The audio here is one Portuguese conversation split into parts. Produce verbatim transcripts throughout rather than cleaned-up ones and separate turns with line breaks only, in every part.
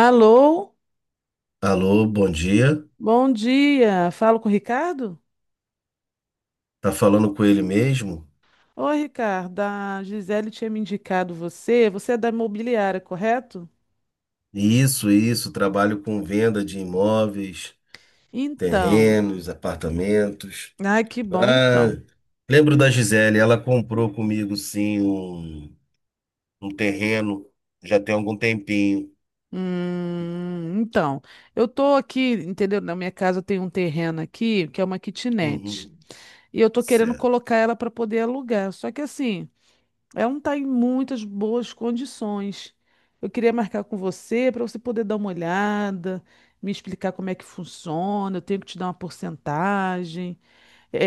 Alô,
Alô, bom dia.
bom dia. Falo com o Ricardo?
Tá falando com ele mesmo?
Oi, Ricardo. A Gisele tinha me indicado você. Você é da imobiliária, correto?
Isso, isso. Trabalho com venda de imóveis,
Então,
terrenos, apartamentos.
ai, que bom,
Ah,
então.
lembro da Gisele. Ela comprou comigo, sim, um, um terreno já tem algum tempinho.
Hum, então, eu tô aqui, entendeu? Na minha casa tem um terreno aqui, que é uma kitnet.
Uhum,
E eu tô querendo
certo.
colocar ela para poder alugar. Só que assim, é um tá em muitas boas condições. Eu queria marcar com você para você poder dar uma olhada, me explicar como é que funciona. Eu tenho que te dar uma porcentagem.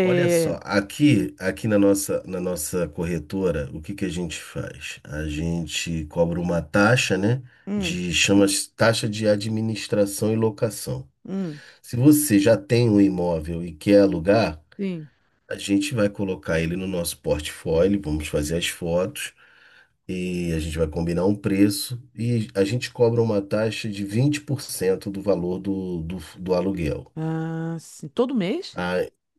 Olha só, aqui, aqui na nossa, na nossa corretora, o que que a gente faz? A gente cobra uma taxa, né?
hum,
De chama taxa de administração e locação.
hum,
Se você já tem um imóvel e quer alugar,
sim.
a gente vai colocar ele no nosso portfólio, vamos fazer as fotos e a gente vai combinar um preço e a gente cobra uma taxa de vinte por cento do valor do, do, do aluguel.
Ah, sim. Todo mês?
Ah,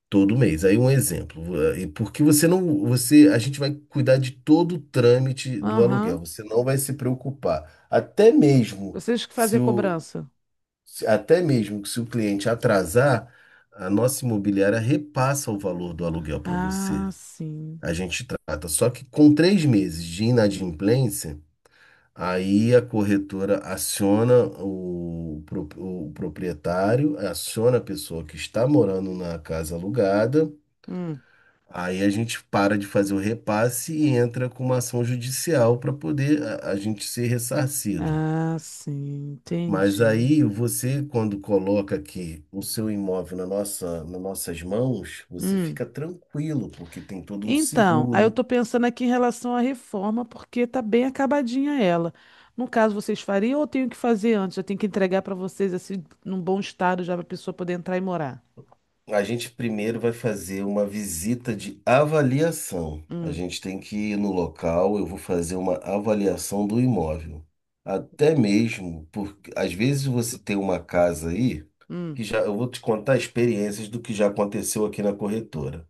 todo mês. Aí um exemplo, eh, e porque você não, você, a gente vai cuidar de todo o trâmite do
Aham.
aluguel. Você não vai se preocupar. Até mesmo
Vocês que fazem
se
a
o,
cobrança.
se- até mesmo que se o cliente atrasar, a nossa imobiliária repassa o valor do aluguel para você.
Ah, sim.
A gente trata. Só que com três meses de inadimplência, aí a corretora aciona o, pro- o proprietário, aciona a pessoa que está morando na casa alugada.
Hum.
Aí a gente para de fazer o repasse e entra com uma ação judicial para poder a, a gente ser ressarcido.
Ah, sim.
Mas
Entendi.
aí você, quando coloca aqui o seu imóvel na nossa, nas nossas mãos, você
Hum.
fica tranquilo, porque tem todo um
Então, aí eu
seguro.
estou pensando aqui em relação à reforma, porque tá bem acabadinha ela. No caso, vocês fariam ou eu tenho que fazer antes? Eu tenho que entregar para vocês assim, num bom estado já para a pessoa poder entrar e morar.
A gente primeiro vai fazer uma visita de avaliação. A
Hum,
gente tem que ir no local, eu vou fazer uma avaliação do imóvel. Até mesmo, porque às vezes você tem uma casa aí,
hum,
que já, eu vou te contar experiências do que já aconteceu aqui na corretora.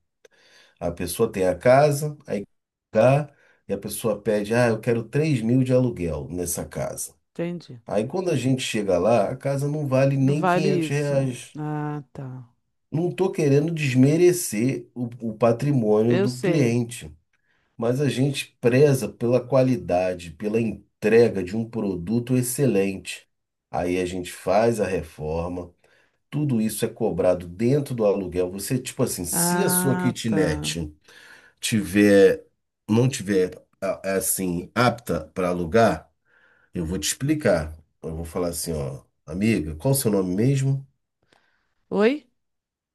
A pessoa tem a casa, aí cá, e a pessoa pede, ah, eu quero três mil de aluguel nessa casa.
entendi.
Aí quando a gente chega lá, a casa não vale
Não
nem
vale
quinhentos
isso.
reais.
Ah, tá.
Não estou querendo desmerecer o, o patrimônio
Eu
do
sei.
cliente, mas a gente preza pela qualidade, pela entrega de um produto excelente. Aí a gente faz a reforma, tudo isso é cobrado dentro do aluguel. Você, tipo assim, se a sua
Ah, tá.
kitnet tiver, não tiver a- é assim apta para alugar, eu vou te explicar. Eu vou falar assim, ó, amiga, qual o seu nome mesmo?
Oi?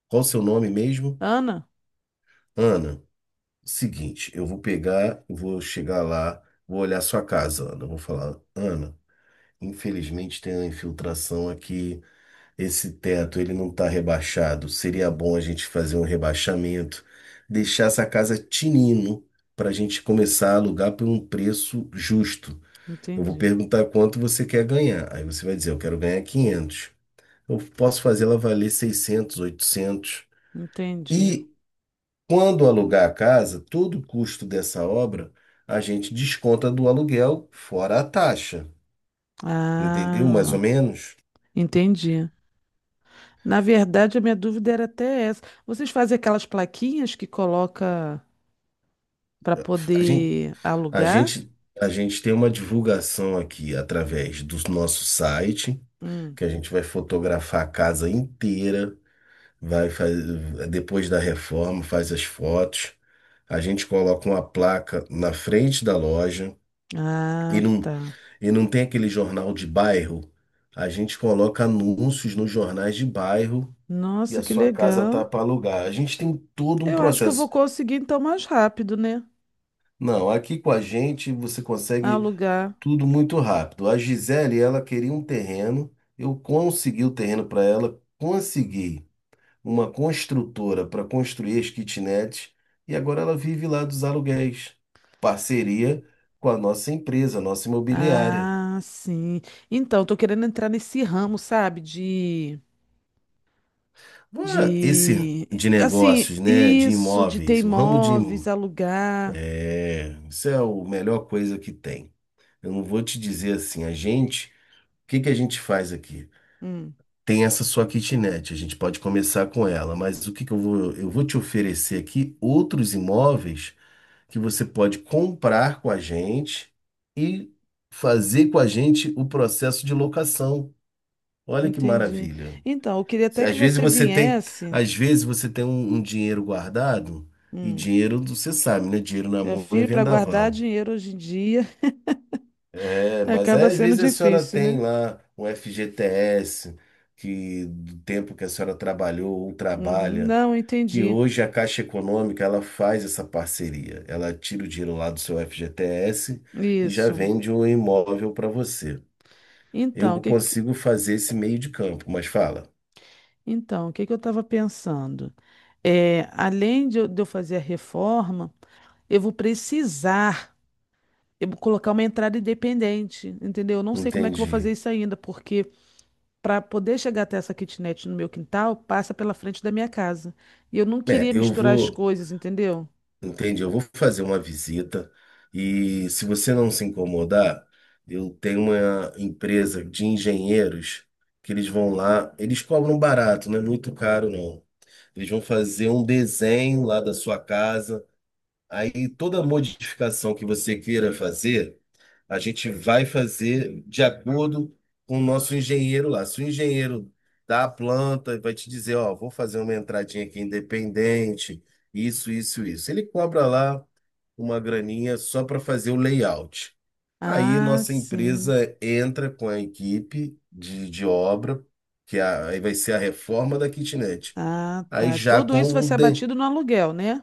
Qual o seu nome mesmo?
Ana?
Ana, seguinte, eu vou pegar, vou chegar lá, vou olhar sua casa, Ana. Eu Vou falar, Ana, infelizmente tem uma infiltração aqui. Esse teto, ele não está rebaixado. Seria bom a gente fazer um rebaixamento, deixar essa casa tinino para a gente começar a alugar por um preço justo. Eu vou
Entendi.
perguntar quanto você quer ganhar. Aí você vai dizer, eu quero ganhar quinhentos. Eu posso fazer ela valer seiscentos, oitocentos.
Entendi.
E quando alugar a casa, todo o custo dessa obra a gente desconta do aluguel fora a taxa. Entendeu? Mais ou
Ah,
menos.
entendi. Na verdade, a minha dúvida era até essa. Vocês fazem aquelas plaquinhas que coloca para
A gente,
poder
a
alugar?
gente, a gente tem uma divulgação aqui através do nosso site,
Hum.
que a gente vai fotografar a casa inteira. Vai faz, depois da reforma, faz as fotos. A gente coloca uma placa na frente da loja e
Ah,
não,
tá.
e não tem aquele jornal de bairro. A gente coloca anúncios nos jornais de bairro que
Nossa,
a
que
sua casa tá
legal.
para alugar. A gente tem todo um
Eu acho que eu vou
processo.
conseguir então mais rápido, né?
Não, aqui com a gente você consegue
Alugar.
tudo muito rápido. A Gisele, ela queria um terreno, eu consegui o terreno para ela, consegui. uma construtora para construir as kitnets e agora ela vive lá dos aluguéis. Parceria com a nossa empresa, a nossa imobiliária.
Ah, sim. Então, tô querendo entrar nesse ramo, sabe? De,
Ué, Esse
de,
de
assim,
negócios, né, de
isso, de ter
imóveis, o ramo de
imóveis,
im-
alugar.
é, isso é a melhor coisa que tem. Eu não vou te dizer assim, a gente, o que que a gente faz aqui?
Hum,
Tem essa sua kitnet, a gente pode começar com ela, mas o que que eu vou, eu vou te oferecer aqui outros imóveis que você pode comprar com a gente e fazer com a gente o processo de locação. Olha que
entendi.
maravilha.
Então, eu queria
Se-
até que
Às vezes
você
você tem,
viesse.
às vezes você tem um, um dinheiro guardado e
Hum,
dinheiro, você sabe, né? Dinheiro na
meu
mão é
filho, para guardar
vendaval.
dinheiro hoje em dia
É, mas aí,
acaba
às
sendo
vezes a senhora
difícil,
tem
né?
lá um F G T S que do tempo que a senhora trabalhou ou
Uhum,
trabalha,
não,
que
entendi.
hoje a Caixa Econômica ela faz essa parceria. Ela tira o dinheiro lá do seu F G T S e já
Isso.
vende um imóvel para você. Eu
Então, o que, que-
consigo fazer esse meio de campo, mas fala,
então, o que que eu estava pensando? É, além de eu, de eu fazer a reforma, eu vou precisar, eu vou colocar uma entrada independente, entendeu? Eu não sei como é que eu vou
entendi.
fazer isso ainda, porque para poder chegar até essa kitnet no meu quintal, passa pela frente da minha casa. E eu não
É,
queria
eu
misturar as
vou,
coisas, entendeu?
entendi, eu vou fazer uma visita e se você não se incomodar, eu tenho uma empresa de engenheiros que eles vão lá, eles cobram barato, não é muito caro não. Eles vão fazer um desenho lá da sua casa Aí toda modificação que você queira fazer, a gente vai fazer de acordo com o nosso engenheiro lá. Se o engenheiro da planta vai te dizer, ó, vou fazer uma entradinha aqui independente, isso, isso, isso. Ele cobra lá uma graninha só para fazer o layout. Aí
Ah,
nossa
sim.
empresa entra com a equipe de, de obra, que é a- aí vai ser a reforma da kitnet.
Ah,
Aí
tá.
já
Tudo
com
isso vai
um,
ser
de-
abatido no aluguel, né?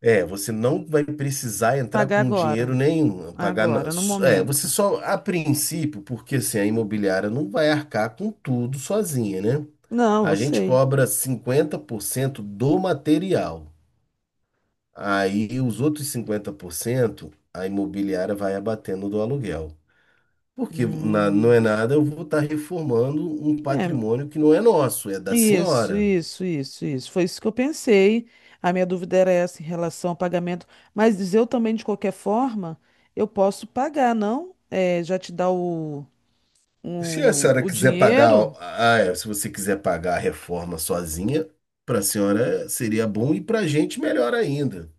é, você não vai precisar entrar
Pagar
com dinheiro
agora.
nenhum, pagar. na-
Agora, no
É, você
momento.
só, a princípio, porque assim, a imobiliária não vai arcar com tudo sozinha, né?
Não,
A
eu
gente
sei.
cobra cinquenta por cento do material. Aí os outros cinquenta por cento a imobiliária vai abatendo do aluguel. Porque na- não é
Hum.
nada, eu vou estar reformando um
É,
patrimônio que não é nosso, é da
isso,
senhora.
isso, isso, isso. Foi isso que eu pensei. A minha dúvida era essa em relação ao pagamento. Mas eu também, de qualquer forma, eu posso pagar, não? É, já te dá o,
Se a
o,
senhora
o
quiser pagar,
dinheiro?
ah, é, se você quiser pagar a reforma sozinha, para a senhora seria bom e para a gente melhor ainda.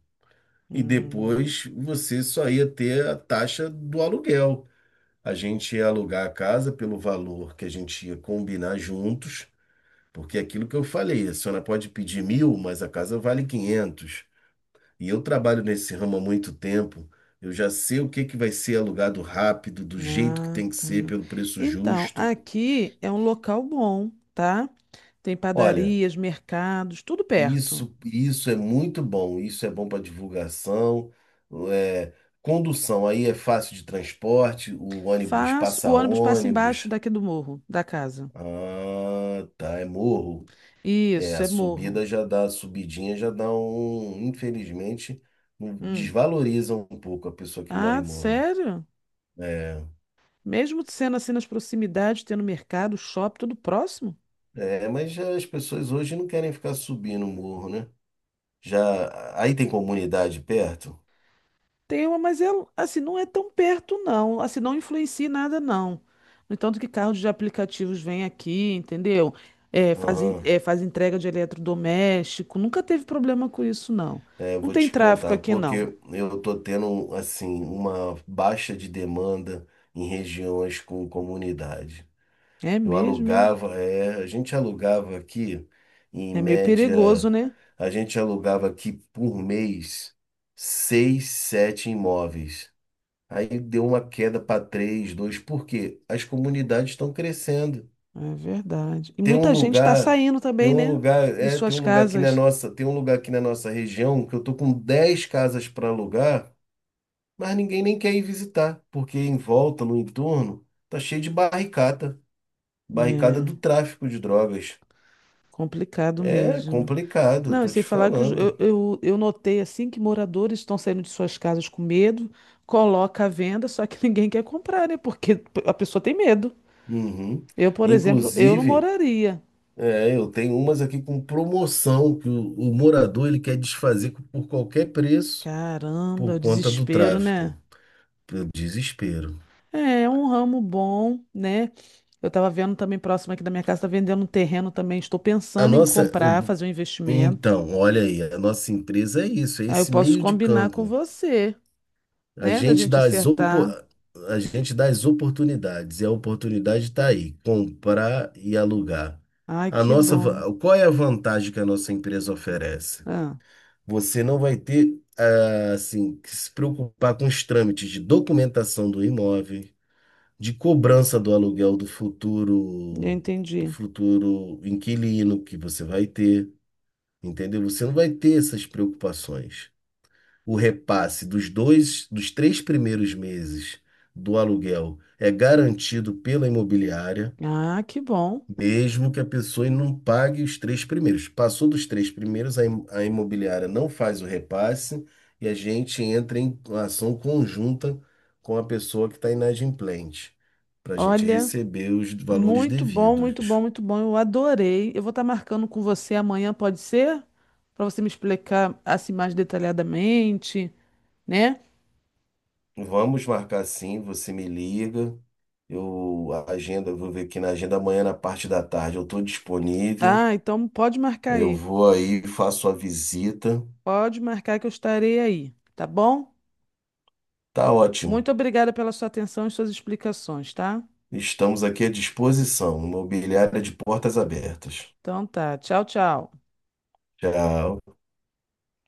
E
Hum,
depois você só ia ter a taxa do aluguel. A gente ia alugar a casa pelo valor que a gente ia combinar juntos, porque é aquilo que eu falei, a senhora pode pedir mil, mas a casa vale quinhentos. E eu trabalho nesse ramo há muito tempo, eu já sei o que que vai ser alugado rápido, do jeito que
ah,
tem que
tá.
ser, pelo preço
Então,
justo.
aqui é um local bom, tá? Tem
Olha,
padarias, mercados, tudo perto.
Isso, isso é muito bom, isso é bom para divulgação. é, condução aí é fácil de transporte, o ônibus
Faz, o
passa
ônibus passa embaixo
ônibus.
daqui do morro, da casa.
Ah, tá, é morro. É,
Isso,
a
é morro.
subida já dá, a subidinha já dá um, infelizmente, um-
Hum.
desvaloriza um pouco a pessoa que mora em
Ah,
morro.
sério?
É,
Mesmo sendo assim nas proximidades, tendo mercado, shopping, tudo próximo?
é, mas já as pessoas hoje não querem ficar subindo o morro, né? Já aí tem comunidade perto?
Tem uma, mas é, assim, não é tão perto, não. Assim, não influencia em nada, não. No entanto que carros de aplicativos vêm aqui, entendeu? É, fazem,
Aham.
é, faz entrega de eletrodoméstico. Nunca teve problema com isso, não.
É, eu
Não
vou
tem
te
tráfico
contar,
aqui, não.
porque eu tô tendo, assim, uma baixa de demanda em regiões com comunidade.
É
Eu
mesmo, é?
alugava, é, a gente alugava aqui, em
É meio perigoso,
média,
né?
a gente alugava aqui por mês seis, sete imóveis. Aí deu uma queda para três, dois, porque as comunidades estão crescendo.
É verdade. E
Tem um
muita gente está
lugar,
saindo
tem
também,
um
né?
lugar,
De
é, tem
suas
um lugar aqui na
casas.
nossa, tem um lugar aqui na nossa região que eu tô com dez casas para alugar, mas ninguém nem quer ir visitar, porque em volta, no entorno, tá cheio de barricada, barricada do
É
tráfico de drogas.
complicado
É
mesmo.
complicado,
Não, e
tô
sem
te
falar que os- eu,
falando.
eu, eu notei assim que moradores estão saindo de suas casas com medo, coloca à venda, só que ninguém quer comprar, né? Porque a pessoa tem medo.
Uhum.
Eu, por exemplo, eu não
Inclusive,
moraria.
é, eu tenho umas aqui com promoção que o, o morador ele quer desfazer por qualquer preço
Caramba,
por
o
conta do
desespero, né?
tráfico. Eu desespero.
É, é um ramo bom, né? Eu tava vendo também próximo aqui da minha casa, tá vendendo um terreno também. Estou
A
pensando em
nossa,
comprar, fazer um investimento.
Então, olha aí, a nossa empresa é isso, é
Aí eu
esse
posso
meio de
combinar com
campo.
você,
A
né? Da
gente
gente
dá as, opo-
acertar.
a gente dá as oportunidades, e a oportunidade está aí, comprar e alugar.
Ai,
A
que
nossa,
bom.
va- qual é a vantagem que a nossa empresa oferece?
Ah,
Você não vai ter, ah, assim, que se preocupar com os trâmites de documentação do imóvel, de cobrança do aluguel do
eu
futuro, do
entendi.
futuro inquilino que você vai ter entendeu? Você não vai ter essas preocupações. O repasse dos dois, dos três primeiros meses do aluguel é garantido pela imobiliária,
Ah, que bom.
mesmo que a pessoa não pague os três primeiros. Passou dos três primeiros, a im- a imobiliária não faz o repasse e a gente entra em ação conjunta com a pessoa que está inadimplente, para a gente
Olha,
receber os valores
muito bom, muito bom,
devidos.
muito bom. Eu adorei. Eu vou estar marcando com você amanhã, pode ser? Para você me explicar assim mais detalhadamente, né?
Vamos marcar sim, você me liga. Eu a agenda, eu vou ver aqui na agenda amanhã na parte da tarde. Eu estou disponível.
Ah, então pode marcar
Eu
aí.
vou aí, faço a visita.
Pode marcar que eu estarei aí, tá bom?
Tá ótimo.
Muito obrigada pela sua atenção e suas explicações, tá?
Estamos aqui à disposição. Imobiliária de portas abertas.
Então tá. Tchau, tchau.
Tchau.